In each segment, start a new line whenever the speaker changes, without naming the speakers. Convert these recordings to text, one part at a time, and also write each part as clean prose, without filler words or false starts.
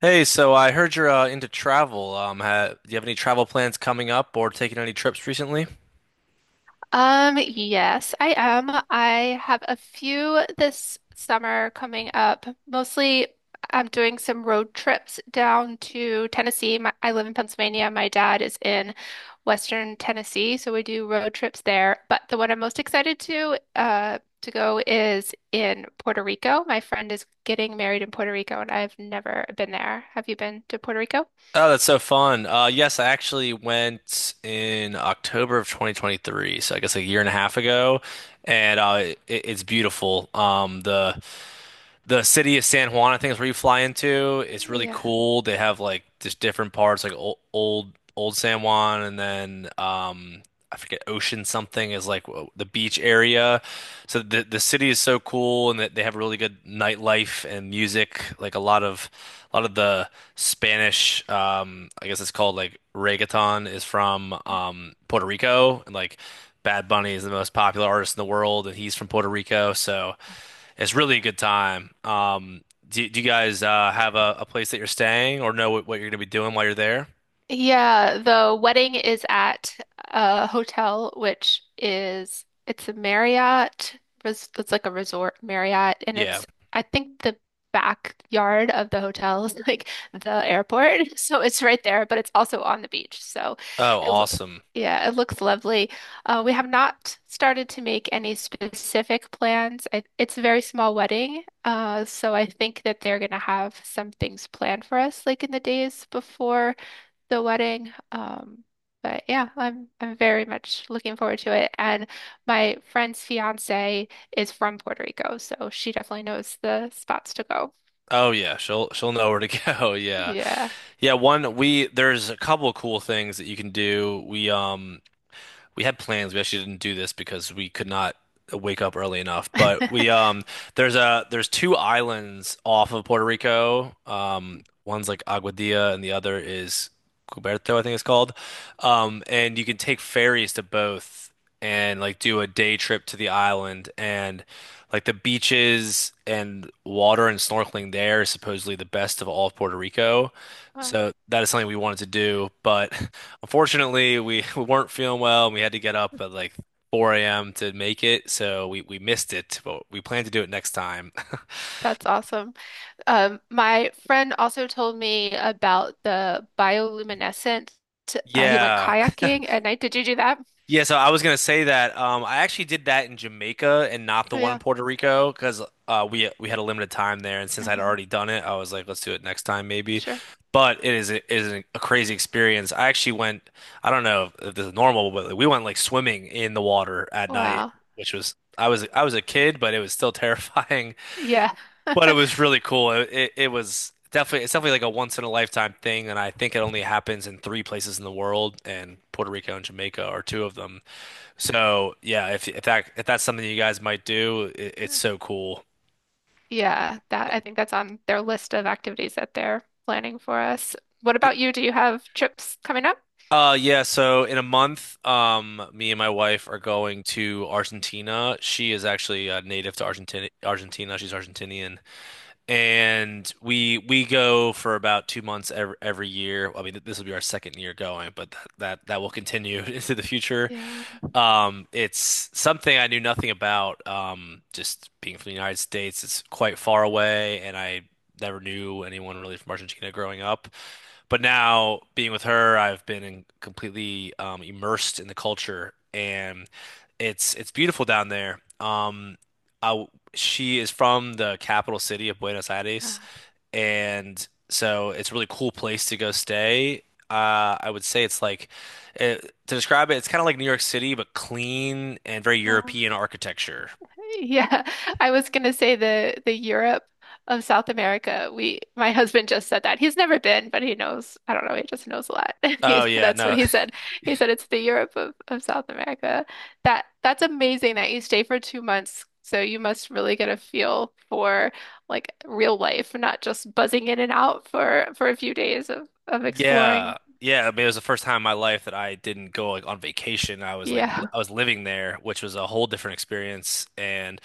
Hey, so I heard you're into travel. Ha Do you have any travel plans coming up or taking any trips recently?
Yes, I am. I have a few this summer coming up. Mostly, I'm doing some road trips down to Tennessee. I live in Pennsylvania. My dad is in Western Tennessee, so we do road trips there. But the one I'm most excited to go is in Puerto Rico. My friend is getting married in Puerto Rico, and I've never been there. Have you been to Puerto Rico?
Oh, that's so fun. Yes, I actually went in October of 2023, so I guess a year and a half ago, and it's beautiful. The city of San Juan, I think, is where you fly into. It's really
Yeah.
cool. They have like just different parts, like old San Juan, and then I forget Ocean something is like the beach area. So the city is so cool, and that they have really good nightlife and music. Like a lot of the Spanish, I guess it's called like reggaeton, is from Puerto Rico, and like Bad Bunny is the most popular artist in the world, and he's from Puerto Rico, so. It's really a good time. Do you guys have a place that you're staying or know what you're gonna be doing while you're there?
Yeah, the wedding is at a hotel, which is it's a Marriott. It's like a resort Marriott, and
Yeah.
it's I think the backyard of the hotel is like the airport, so it's right there, but it's also on the beach. So,
Oh,
it, lo-
awesome.
yeah, it looks lovely. We have not started to make any specific plans. It's a very small wedding, so I think that they're gonna have some things planned for us, like in the days before the wedding. But yeah, I'm very much looking forward to it. And my friend's fiance is from Puerto Rico, so she definitely knows the spots to go.
Oh yeah, she'll know where to go. Yeah.
Yeah.
Yeah, one we there's a couple of cool things that you can do. We had plans. We actually didn't do this because we could not wake up early enough. But we there's a there's two islands off of Puerto Rico. One's like Aguadilla and the other is Cuberto, I think it's called. And you can take ferries to both and like do a day trip to the island, and like the beaches and water and snorkeling there is supposedly the best of all of Puerto Rico.
Wow,
So that is something we wanted to do, but unfortunately, we weren't feeling well and we had to get up at like 4 a.m. to make it, so we missed it, but we plan to do it next time.
that's awesome. My friend also told me about the bioluminescent. He went
Yeah.
kayaking at night. Did you do that?
Yeah, so I was gonna say that I actually did that in Jamaica and not the
Oh
one in
yeah.
Puerto Rico because we had a limited time there, and since I'd
Hmm.
already done it, I was like, let's do it next time maybe.
Sure.
But is a crazy experience. I actually went, I don't know if this is normal, but like, we went like swimming in the water at night,
Wow.
which was I was a kid, but it was still terrifying.
Yeah.
But it was really cool. It was definitely it's definitely like a once in a lifetime thing, and I think it only happens in three places in the world, and Puerto Rico and Jamaica are two of them. So yeah, if that's something you guys might do, it's so cool.
Yeah, that I think that's on their list of activities that they're planning for us. What
Y-
about you? Do you have trips coming up?
Yeah, so in a month, me and my wife are going to Argentina. She is actually native to Argentina. Argentina, she's Argentinian, and we go for about 2 months every year. I mean, this will be our second year going, but that will continue into the future.
Yeah.
It's something I knew nothing about. Just being from the United States, it's quite far away, and I never knew anyone really from Argentina growing up. But now being with her, I've been completely immersed in the culture, and it's beautiful down there. I, she is from the capital city of Buenos Aires,
Ah,
and so it's a really cool place to go stay. I would say it's like to describe it, it's kind of like New York City, but clean and very
Wow.
European architecture.
Yeah, I was gonna say the Europe of South America. We My husband just said that. He's never been, but he knows. I don't know, he just knows a lot.
Oh yeah,
That's what
no,
he said. He said it's the Europe of South America. That's amazing that you stay for 2 months. So you must really get a feel for like real life, not just buzzing in and out for a few days of exploring.
yeah. I mean, it was the first time in my life that I didn't go like on vacation. I was like,
Yeah.
I was living there, which was a whole different experience, and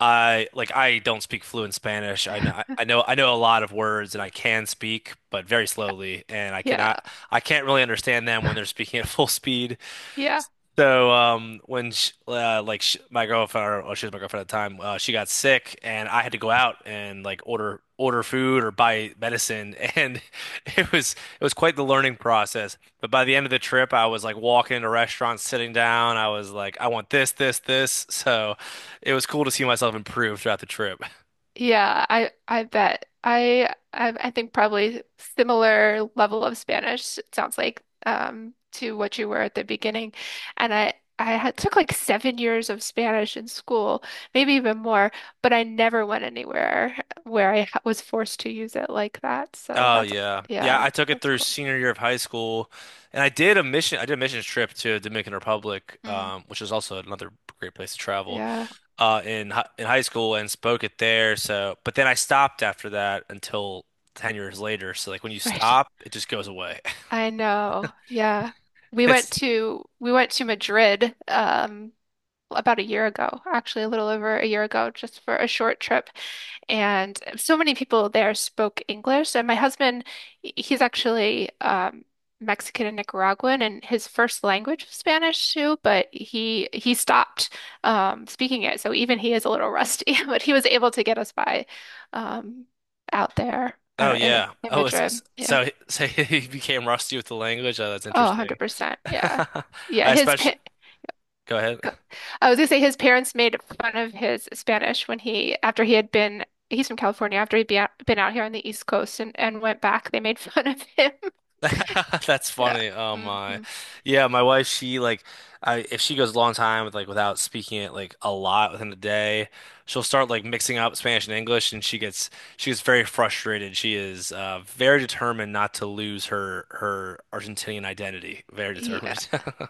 I don't speak fluent Spanish. I know a lot of words and I can speak, but very
Yeah.
slowly, and
Yeah.
I can't really understand them when they're speaking at full speed.
Yeah.
So when sh like sh my girlfriend, or, well, she was my girlfriend at the time, she got sick, and I had to go out and like order food or buy medicine, and it was it was quite the learning process. But by the end of the trip, I was like walking into restaurants, sitting down. I was like, I want this, this, this. So it was cool to see myself improve throughout the trip.
Yeah, I bet. I think probably similar level of Spanish, it sounds like, to what you were at the beginning. And I took like 7 years of Spanish in school, maybe even more, but I never went anywhere where I was forced to use it like that. So
Oh
that's,
yeah. Yeah,
yeah,
I took it
that's
through
cool.
senior year of high school, and I did a missions trip to Dominican Republic,
Mm,
which is also another great place to travel.
yeah,
In high school and spoke it there. So, but then I stopped after that until 10 years later. So like when you
right.
stop, it just goes away.
I know. Yeah.
It's
We went to Madrid, about a year ago, actually a little over a year ago, just for a short trip. And so many people there spoke English. And my husband, he's actually Mexican and Nicaraguan, and his first language was Spanish too, but he stopped speaking it. So even he is a little rusty, but he was able to get us by um, out there
Oh
or in,
yeah.
in
Oh, it's,
Madrid. Yeah.
so so he became rusty with the language. Oh, that's
Oh,
interesting.
100%. Yeah. Yeah.
I especially go.
Go- I was gonna say his parents made fun of his Spanish after he had been, he's from California, after he'd been out here on the East Coast and went back, they made fun of him.
That's
Yeah.
funny. Oh my.
Hmm.
Yeah, my wife, she like, I if she goes a long time with like without speaking it like a lot within the day, she'll start like mixing up Spanish and English and she gets very frustrated. She is very determined not to lose her Argentinian identity. Very
Yeah.
determined.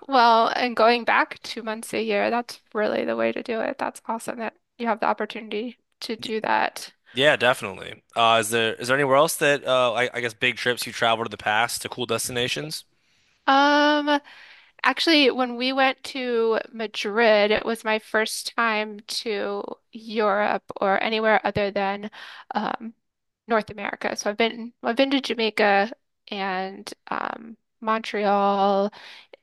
Well, and going back 2 months a year, that's really the way to do it. That's awesome that you have the opportunity to
Y-
do that.
Yeah, definitely. Is there anywhere else that I guess big trips you travel to the past to cool destinations?
Um, Actually, when we went to Madrid, it was my first time to Europe or anywhere other than um, North America. So I've been to Jamaica and Montreal.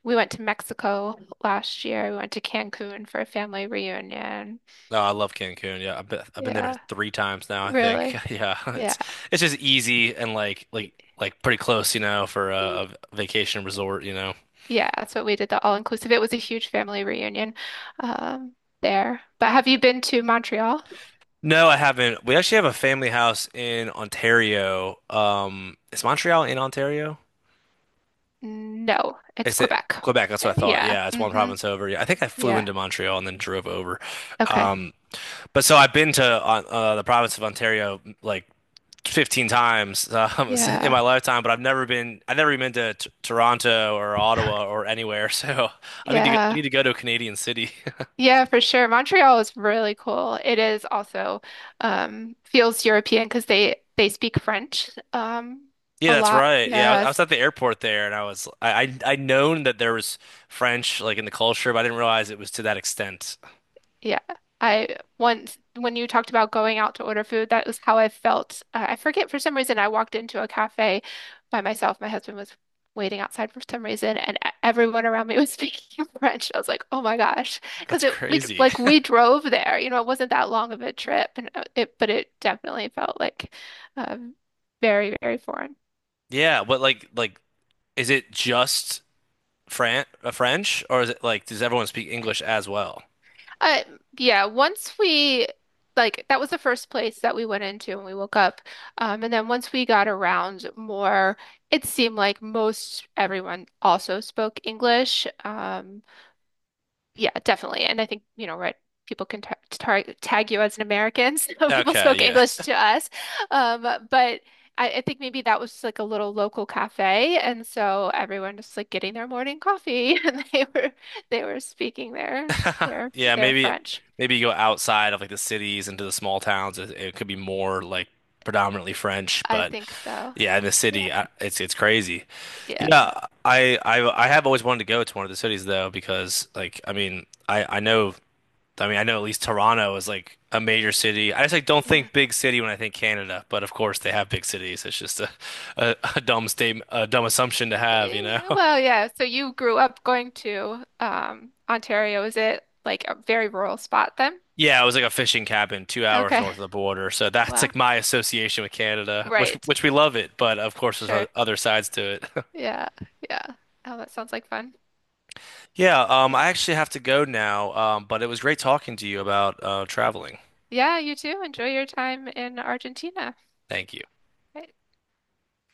We went to Mexico last year. We went to Cancun for a family reunion.
No, I love Cancun. Yeah, I've been there
Yeah,
three times now, I think.
really.
Yeah,
Yeah.
it's just easy and like pretty close, you know, for
Y-
a vacation resort, you know.
Yeah, that's what we did, the all-inclusive. It was a huge family reunion um, there. But have you been to Montreal?
No, I haven't. We actually have a family house in Ontario. Is Montreal in Ontario?
No, it's
It's it
Quebec.
Quebec, that's what I thought.
Yeah.
Yeah, it's one
Hmm.
province over. Yeah, I think I flew
Yeah.
into Montreal and then drove over.
Okay.
Um, but so I've been to the province of Ontario like 15 times in my
Yeah.
lifetime, but I've never even been to t Toronto or Ottawa or anywhere. So I
Yeah.
need to go to a Canadian city.
Yeah, for sure. Montreal is really cool. It is also feels European because they speak French
Yeah,
a
that's
lot.
right. Yeah, I was
Yes.
at the airport there, and I'd known that there was French like in the culture, but I didn't realize it was to that extent.
Yeah. I once, when you talked about going out to order food, that was how I felt. I forget for some reason, I walked into a cafe by myself. My husband was waiting outside for some reason, and everyone around me was speaking French. I was like, oh my gosh. Because
That's crazy.
like, we drove there, it wasn't that long of a trip, and but it definitely felt like um, very, very foreign.
Yeah, but is it just Fran French, or is it like does everyone speak English as well?
Uh, yeah, once we like that was the first place that we went into when we woke up. And then once we got around more, it seemed like most everyone also spoke English. Yeah, definitely. And I think, right, people can ta tar tag you as an American, so people
Okay,
spoke
yeah.
English to us. Um, but I think maybe that was like a little local cafe, and so everyone just like getting their morning coffee, and they were speaking their their
Yeah,
their French.
maybe you go outside of like the cities into the small towns. It could be more like predominantly French,
I
but
think so.
yeah, in the
Yeah.
city, it's crazy.
Yeah.
Yeah, I have always wanted to go to one of the cities though because like I know I know at least Toronto is like a major city. I just like don't
Yeah.
think big city when I think Canada, but of course they have big cities. It's just a dumb statement, a dumb assumption to have, you know?
Well, yeah. So you grew up going to Ontario. Is it like a very rural spot then?
Yeah, it was like a fishing cabin 2 hours
Okay.
north of the border. So that's
Wow.
like my association with Canada, which
Right.
we love it, but of course there's
Sure.
other sides to it.
Yeah. Yeah. Oh, that sounds like fun.
Yeah, I actually have to go now, but it was great talking to you about traveling.
Yeah, you too. Enjoy your time in Argentina.
Thank you.
Right.